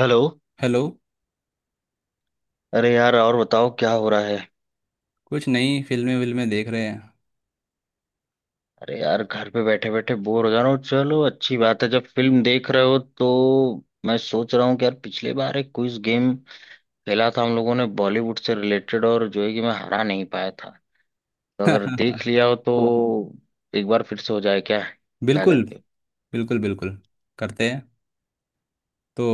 Hello. Hello. अरे यार, और बताओ क्या हो रहा है। कुछ नई फिल्में विल्में देख रहे हैं। अरे यार, घर पे बैठे बैठे बोर हो जा रहा हूँ। चलो अच्छी बात है जब फिल्म देख रहे हो तो। मैं सोच रहा हूँ कि यार पिछले बार एक क्विज गेम खेला था हम लोगों ने, बॉलीवुड से रिलेटेड, और जो है कि मैं हरा नहीं पाया था। तो अगर देख लिया हो तो एक बार फिर से हो जाए क्या। क्या बिल्कुल। कहते हो। बिल्कुल बिल्कुल, करते हैं तो।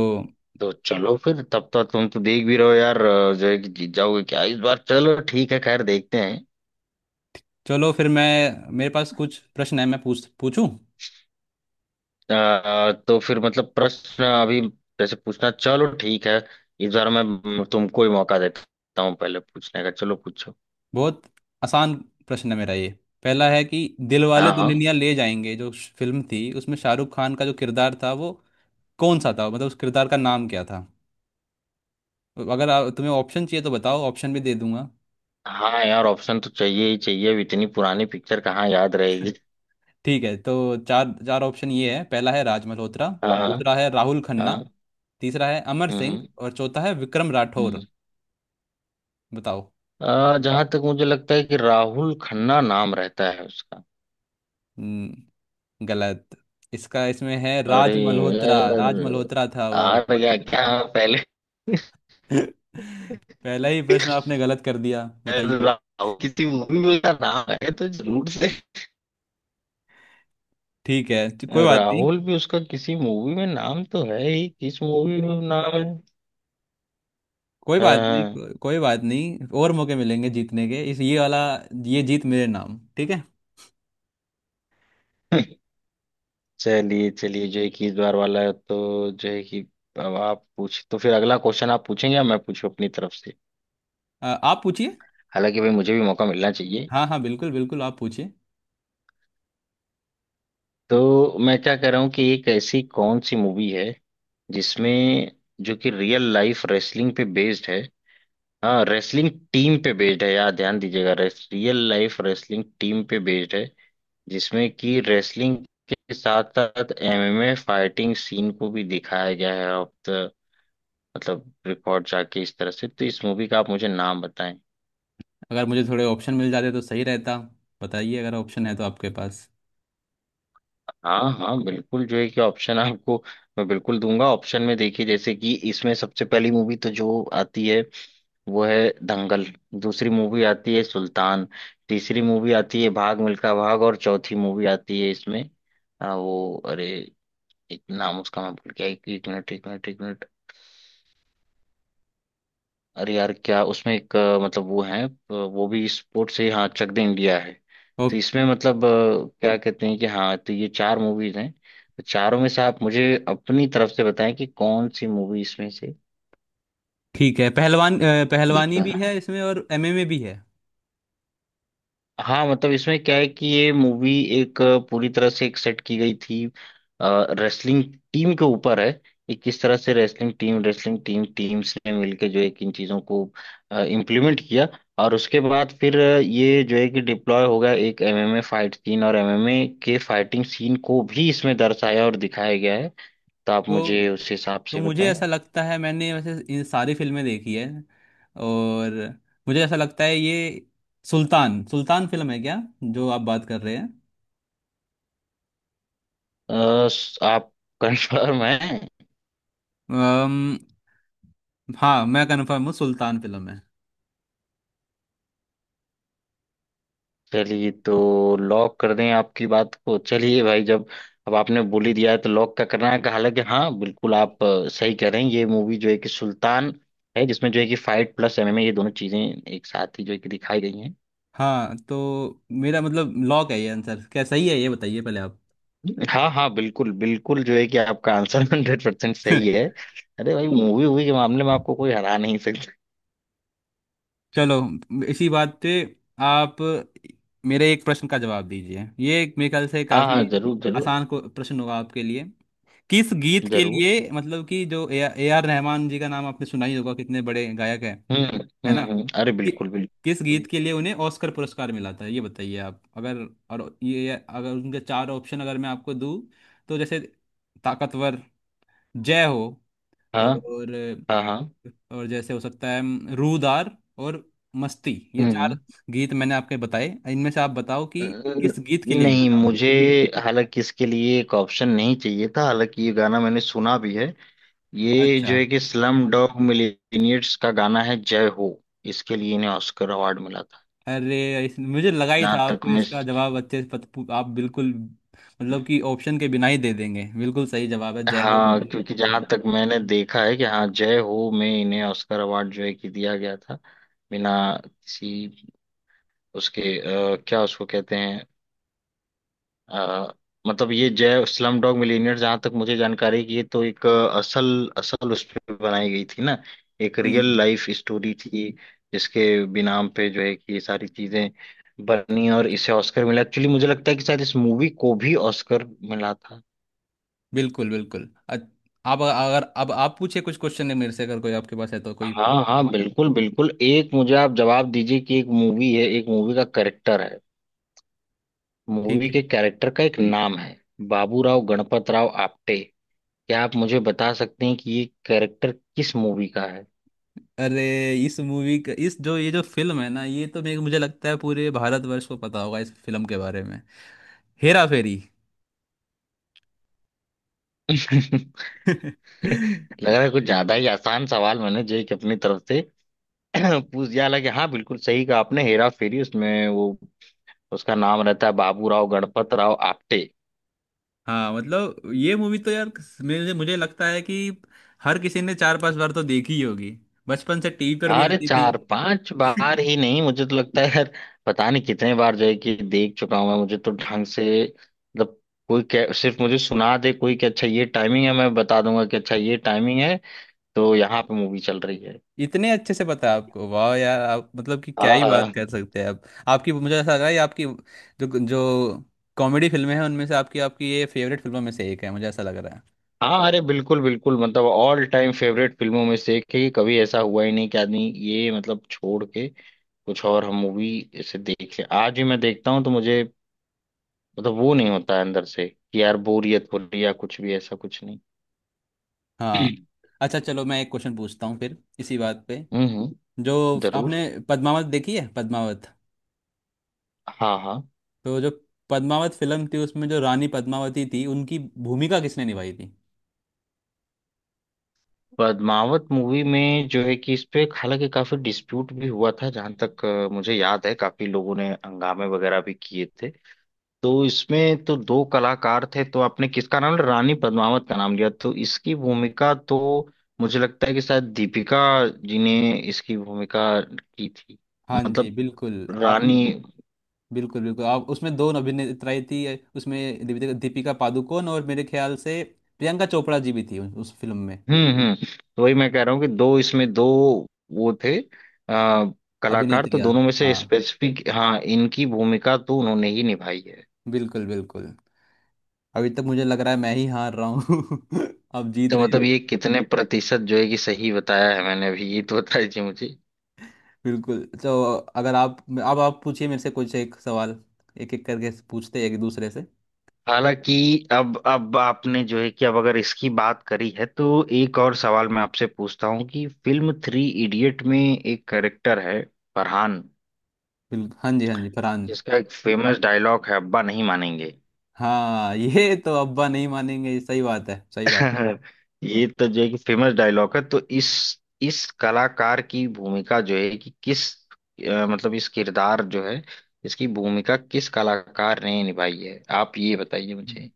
तो चलो फिर, तब तक तुम तो देख भी रहो यार। जो है कि जीत जाओगे क्या इस बार। चलो ठीक है, खैर देखते हैं। चलो फिर, मैं, मेरे पास कुछ प्रश्न है, मैं पूछूं। तो फिर मतलब प्रश्न अभी जैसे पूछना, चलो ठीक है। इस बार मैं, तुमको ही मौका देता हूँ पहले पूछने का। चलो पूछो। बहुत आसान प्रश्न है मेरा। ये पहला है कि दिलवाले हाँ दुल्हनिया हाँ। ले जाएंगे जो फिल्म थी, उसमें शाहरुख खान का जो किरदार था वो कौन सा था, मतलब उस किरदार का नाम क्या था। अगर आप, तुम्हें ऑप्शन चाहिए तो बताओ, ऑप्शन भी दे दूंगा। हाँ यार, ऑप्शन तो चाहिए ही चाहिए, अब इतनी पुरानी पिक्चर कहाँ याद रहेगी। ठीक है, तो चार चार ऑप्शन ये है। पहला है राज मल्होत्रा, हाँ हाँ। दूसरा है राहुल खन्ना, हाँ। तीसरा है अमर सिंह हम्म और चौथा है विक्रम राठौर। हम्म। बताओ। जहां तक मुझे लगता है कि राहुल खन्ना नाम रहता है उसका। हम्म, गलत। इसका, इसमें है अरे राज मल्होत्रा, राज यार, मल्होत्रा था वो। आ गया क्या पहले। पहला ही प्रश्न आपने गलत कर दिया, बताइए। राहुल किसी मूवी में उसका नाम है तो जरूर से। ठीक है, तो कोई बात नहीं। राहुल भी उसका किसी मूवी में नाम तो है ही, किस मूवी में नाम है। कोई बात नहीं हाँ। कोई बात नहीं, और मौके मिलेंगे जीतने के, इस ये वाला, ये जीत मेरे नाम। ठीक है। हाँ। चलिए चलिए, जो है कि इस बार वाला है, तो जो है कि अब आप पूछ, तो फिर अगला क्वेश्चन आप पूछेंगे या मैं पूछूं अपनी तरफ से। आप पूछिए। हालांकि भाई, मुझे भी मौका मिलना चाहिए। हाँ हाँ, बिल्कुल बिल्कुल, आप पूछिए। तो मैं क्या कह रहा हूँ कि एक ऐसी कौन सी मूवी है जिसमें जो कि रियल लाइफ रेसलिंग पे बेस्ड है। हाँ रेसलिंग टीम पे बेस्ड है यार, ध्यान दीजिएगा। रियल लाइफ रेसलिंग टीम पे बेस्ड है जिसमें कि रेसलिंग के साथ साथ एमएमए फाइटिंग सीन को भी दिखाया गया है ऑफ द, मतलब रिकॉर्ड, जाके इस तरह से। तो इस मूवी का आप मुझे नाम बताएं। अगर मुझे थोड़े ऑप्शन मिल जाते तो सही रहता। बताइए अगर ऑप्शन है तो आपके पास। हाँ हाँ बिल्कुल, जो है कि ऑप्शन आपको मैं बिल्कुल दूंगा। ऑप्शन में देखिए, जैसे कि इसमें सबसे पहली मूवी तो जो आती है वो है दंगल। दूसरी मूवी आती है सुल्तान। तीसरी मूवी आती है भाग मिल्खा भाग। और चौथी मूवी आती है इसमें वो, अरे, एक नाम उसका मैं भूल गया। एक एक मिनट एक मिनट। अरे यार, क्या उसमें एक मतलब वो है वो भी स्पोर्ट से ही, हाँ चक दे इंडिया है। ओ। तो इसमें मतलब क्या कहते हैं कि हाँ, तो ये चार मूवीज हैं। तो चारों में से आप मुझे अपनी तरफ से बताएं कि कौन सी मूवी इसमें से ठीक है। पहलवान, एक पहलवानी है। भी है इसमें और एमएमए भी है हाँ मतलब इसमें क्या है कि ये मूवी एक पूरी तरह से एक सेट की गई थी रेसलिंग टीम के ऊपर है, कि किस तरह से रेसलिंग टीम, टीम्स ने मिलके जो है कि इन चीजों को इम्प्लीमेंट किया। और उसके बाद फिर ये जो है कि डिप्लॉय हो गया एक एमएमए फाइट सीन, और एमएमए के फाइटिंग सीन को भी इसमें दर्शाया और दिखाया गया है। तो आप मुझे तो। उस हिसाब तो से मुझे बताएं। ऐसा लगता है, मैंने वैसे इन सारी फिल्में देखी है, और मुझे ऐसा लगता है ये सुल्तान सुल्तान फिल्म है क्या जो आप बात कर रहे हैं। अ, आप कंफर्म है। अम, हाँ, मैं कंफर्म हूँ, सुल्तान फिल्म है। चलिए तो लॉक कर दें आपकी बात को। चलिए भाई, जब अब आपने बोली दिया है तो लॉक का करना है। हालांकि हाँ बिल्कुल, आप सही कह रहे हैं, ये मूवी जो है कि सुल्तान है, जिसमें जो है कि फाइट प्लस एमएमए ये दोनों चीजें एक साथ ही जो है कि दिखाई गई हैं। हाँ, तो मेरा मतलब लॉक है। ये आंसर क्या सही है, ये बताइए पहले आप। हाँ हाँ बिल्कुल बिल्कुल, जो है कि आपका आंसर 100% सही है। अरे भाई, मूवी वूवी के मामले में आपको कोई हरा नहीं सकता। चलो, इसी बात पे आप मेरे एक प्रश्न का जवाब दीजिए। ये एक मेरे ख्याल से हाँ हाँ, काफी जरूर जरूर आसान को प्रश्न होगा आपके लिए। किस गीत के जरूर। लिए, मतलब कि जो A A R Rahman ji का नाम आपने सुना ही होगा, कितने बड़े गायक हैं, हम्म है हम्म ना, हम्म अरे कि, बिल्कुल किस बिल्कुल। गीत के लिए उन्हें ऑस्कर पुरस्कार मिला था, ये बताइए आप। अगर, और ये अगर उनके चार ऑप्शन अगर मैं आपको दूं, तो जैसे ताकतवर, जय हो, हाँ और हाँ हाँ। और जैसे हो सकता है रूदार और मस्ती, ये हम्म चार हम्म गीत मैंने आपके बताए। इनमें से आप बताओ कि न- किस गीत के लिए मिला नहीं था उन्हें। मुझे, हालांकि इसके लिए एक ऑप्शन नहीं चाहिए था, हालांकि ये गाना मैंने सुना भी है, ये जो अच्छा। है कि स्लम डॉग मिलियनेयर्स का गाना है जय हो, इसके लिए इन्हें ऑस्कर अवार्ड मिला था। अरे मुझे लगा ही था जहां तक आपको मैं, इसका जवाब अच्छे से आप बिल्कुल, मतलब कि ऑप्शन के बिना ही दे देंगे। बिल्कुल सही जवाब है जय हो। हाँ क्योंकि जहां तक मैंने देखा है कि हाँ जय हो में इन्हें ऑस्कर अवार्ड जो है कि दिया गया था, बिना किसी उसके, क्या उसको कहते हैं, अ, मतलब ये जय स्लम डॉग मिलियनेयर, जहां तक मुझे जानकारी है कि ये तो एक असल असल उस पे बनाई गई थी ना, एक रियल हम्म, लाइफ स्टोरी थी जिसके बिनाम पे जो है कि ये सारी चीजें बनी और इसे ऑस्कर मिला। एक्चुअली मुझे लगता है कि शायद इस मूवी को भी ऑस्कर मिला था। बिल्कुल बिल्कुल। आप अगर, अब आप पूछे, कुछ क्वेश्चन है मेरे से अगर कोई आपके पास है तो, कोई ठीक हाँ हाँ बिल्कुल बिल्कुल, एक मुझे आप जवाब दीजिए कि एक मूवी है, एक मूवी का कैरेक्टर है, मूवी है। के कैरेक्टर का एक नाम है बाबूराव गणपत राव आपटे। क्या आप मुझे बता सकते हैं कि ये कैरेक्टर किस मूवी का है। अरे इस मूवी का, इस जो ये जो फिल्म है ना, ये तो मेरे मुझे लगता है पूरे भारतवर्ष को पता होगा इस फिल्म के बारे में। हेरा फेरी। लग रहा है कुछ ज्यादा ही आसान सवाल मैंने जय की अपनी तरफ से पूछ दिया। हालांकि हाँ बिल्कुल सही कहा आपने, हेरा फेरी, उसमें वो, उसका नाम रहता है बाबू राव गणपत राव आपटे। हाँ, मतलब ये मूवी तो यार, मुझे मुझे लगता है कि हर किसी ने चार पांच बार तो देखी ही होगी, बचपन से टीवी पर भी अरे आती थी। चार पांच बार ही नहीं, मुझे तो लगता है यार, पता नहीं कितने बार जय की देख चुका हूं मैं। मुझे तो ढंग से मतलब कोई सिर्फ मुझे सुना दे कोई कि अच्छा ये टाइमिंग है, मैं बता दूंगा कि अच्छा ये टाइमिंग है तो यहाँ पे मूवी चल रही है। इतने अच्छे से पता है आपको, वाह यार, आप मतलब कि क्या ही बात हाँ कर सकते हैं आप। आपकी, मुझे ऐसा लग रहा है ये आपकी जो जो कॉमेडी फिल्में हैं उनमें से आपकी आपकी ये फेवरेट फिल्मों में से एक है, मुझे ऐसा लग रहा है हाँ, अरे बिल्कुल बिल्कुल, मतलब ऑल टाइम फेवरेट फिल्मों में से एक है, कि कभी ऐसा हुआ ही नहीं कि आदमी ये मतलब छोड़ के कुछ और हम मूवी ऐसे देख ले। आज भी मैं देखता हूँ तो मुझे मतलब वो नहीं होता है अंदर से कि यार बोरियत हो रही है या कुछ भी, ऐसा कुछ नहीं। हाँ। अच्छा चलो, मैं एक क्वेश्चन पूछता हूँ फिर इसी बात पे। हम्म। जो जरूर। आपने पद्मावत देखी है, पद्मावत। हाँ हाँ। तो जो पद्मावत फिल्म थी, उसमें जो रानी पद्मावती थी, उनकी भूमिका किसने निभाई थी। पद्मावत मूवी में जो है कि इस पे हालांकि काफी डिस्प्यूट भी हुआ था, जहां तक मुझे याद है काफी लोगों ने हंगामे वगैरह भी किए थे। तो इसमें तो दो कलाकार थे, तो आपने किसका नाम लिया? रानी पद्मावत का नाम लिया, तो इसकी भूमिका तो मुझे लगता है कि शायद दीपिका जी ने इसकी भूमिका की थी। हाँ जी, मतलब बिल्कुल आप, रानी। बिल्कुल बिल्कुल। आप, उसमें दो अभिनेत्राएं थी। उसमें दीपिका दीपिका पादुकोण और मेरे ख्याल से प्रियंका चोपड़ा जी भी थी उस फिल्म में, हम्म, तो वही मैं कह रहा हूँ कि दो इसमें दो वो थे आ, कलाकार, तो अभिनेत्रियाँ। दोनों में से हाँ, स्पेसिफिक, हाँ इनकी भूमिका तो उन्होंने ही निभाई है। बिल्कुल बिल्कुल। अभी तक मुझे लग रहा है मैं ही हार रहा हूँ। आप जीत तो मतलब रहे। ये कितने प्रतिशत जो है कि सही बताया है मैंने अभी ये तो बताइए मुझे। बिल्कुल। तो अगर आप, अब आप पूछिए मेरे से कुछ एक सवाल, एक एक करके पूछते हैं एक दूसरे से। हालांकि अब आपने जो है कि अब अगर इसकी बात करी है तो एक और सवाल मैं आपसे पूछता हूँ कि फिल्म 3 इडियट में एक कैरेक्टर है फरहान, बिल्कुल, हाँ जी हाँ जी, फरहान। जिसका एक फेमस डायलॉग है अब्बा नहीं मानेंगे। हाँ ये तो, अब्बा नहीं मानेंगे, ये सही बात है, सही बात ये तो जो है कि फेमस डायलॉग है। तो इस कलाकार की भूमिका जो है कि किस मतलब इस किरदार जो है, इसकी भूमिका किस कलाकार ने निभाई है आप ये बताइए है। मुझे।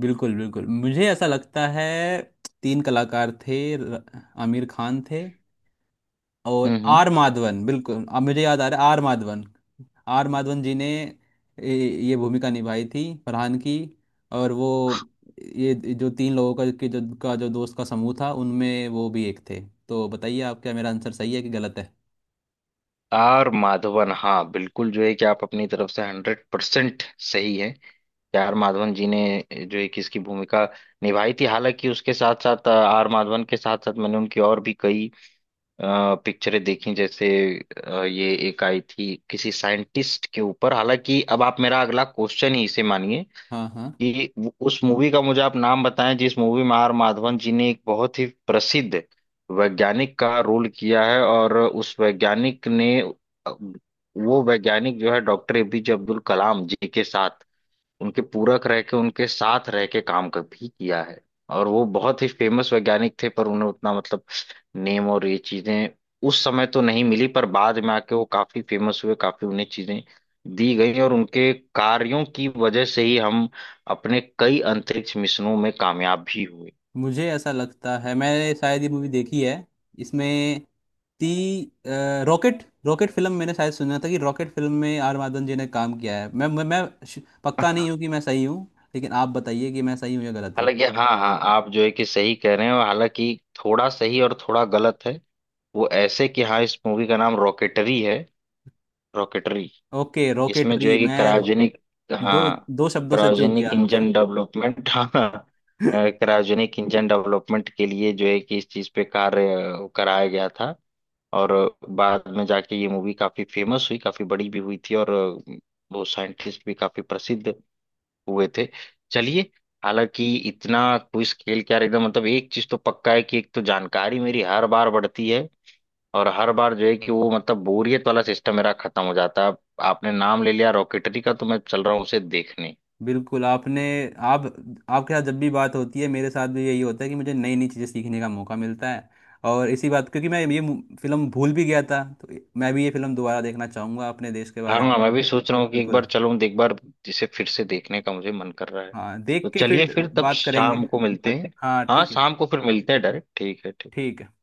बिल्कुल बिल्कुल, मुझे ऐसा लगता है तीन कलाकार थे। आमिर खान थे, हम्म और हम्म आर माधवन, बिल्कुल अब मुझे याद आ रहा है, आर माधवन। आर माधवन जी ने ये ये भूमिका निभाई थी फरहान की, और वो ये जो तीन लोगों का, के जो, का जो दोस्त का समूह था, उनमें वो भी एक थे। तो बताइए आप, क्या मेरा आंसर सही है कि गलत है। आर माधवन, हाँ बिल्कुल, जो है कि आप अपनी तरफ से 100% सही है, कि आर माधवन जी ने जो है कि इसकी भूमिका निभाई थी। हालांकि उसके साथ साथ आर माधवन के साथ साथ मैंने उनकी और भी कई पिक्चरें देखी। जैसे ये एक आई थी किसी साइंटिस्ट के ऊपर, हालांकि अब आप मेरा अगला क्वेश्चन ही इसे मानिए हाँ हाँ, कि उस मूवी का मुझे आप नाम बताएं जिस मूवी में आर माधवन जी ने एक बहुत ही प्रसिद्ध वैज्ञानिक का रोल किया है, और उस वैज्ञानिक ने, वो वैज्ञानिक जो है डॉक्टर एपीजे अब्दुल कलाम जी के साथ उनके पूरक रह के, उनके साथ रह के काम कर भी किया है। और वो बहुत ही फेमस वैज्ञानिक थे, पर उन्हें उतना मतलब नेम और ये चीजें उस समय तो नहीं मिली, पर बाद में आके वो काफी फेमस हुए, काफी उन्हें चीजें दी गई, और उनके कार्यों की वजह से ही हम अपने कई अंतरिक्ष मिशनों में कामयाब भी हुए। मुझे ऐसा लगता है मैंने शायद ये मूवी देखी है। इसमें रॉकेट रॉकेट फिल्म, मैंने शायद सुना था कि रॉकेट फिल्म में आर माधवन जी ने काम किया है। मैं पक्का नहीं हूँ कि मैं सही हूँ, लेकिन आप बताइए कि मैं सही हूँ या गलत हूँ। हालांकि हाँ हाँ, आप जो है कि सही कह रहे हो, हालांकि थोड़ा सही और थोड़ा गलत है। वो ऐसे कि हाँ, इस मूवी का नाम रॉकेटरी है। रॉकेटरी। ओके, इसमें जो रॉकेटरी। है कि मैं क्रायोजेनिक। दो हाँ दो शब्दों से चूक गया। Cryogenic engine development. हाँ, क्रायोजेनिक इंजन डेवलपमेंट के लिए जो है कि इस चीज पे कार्य कराया गया था। और बाद में जाके ये मूवी काफी फेमस हुई, काफी बड़ी भी हुई थी, और वो साइंटिस्ट भी काफी प्रसिद्ध हुए थे। चलिए। हालांकि इतना क्विज खेल के यार एकदम मतलब एक चीज तो पक्का है कि एक तो जानकारी मेरी हर बार बढ़ती है, और हर बार जो है कि वो मतलब बोरियत वाला सिस्टम मेरा खत्म हो जाता है। आपने नाम ले लिया रॉकेटरी का, तो मैं चल रहा हूँ उसे देखने। बिल्कुल। आपने आप आपके साथ जब भी बात होती है, मेरे साथ भी यही होता है कि मुझे नई नई चीज़ें सीखने का मौका मिलता है। और इसी बात, क्योंकि मैं ये फिल्म भूल भी गया था, तो मैं भी ये फिल्म दोबारा देखना चाहूँगा अपने देश के हाँ बारे हाँ में। मैं भी सोच रहा हूँ कि एक बार बिल्कुल। चलूँ एक बार, जिसे फिर से देखने का मुझे मन कर रहा है। हाँ, तो देख के चलिए फिर फिर, तब बात करेंगे। शाम को मिलते हैं। हाँ हाँ ठीक है। शाम को फिर मिलते हैं डायरेक्ट, ठीक है ठीक। ठीक है।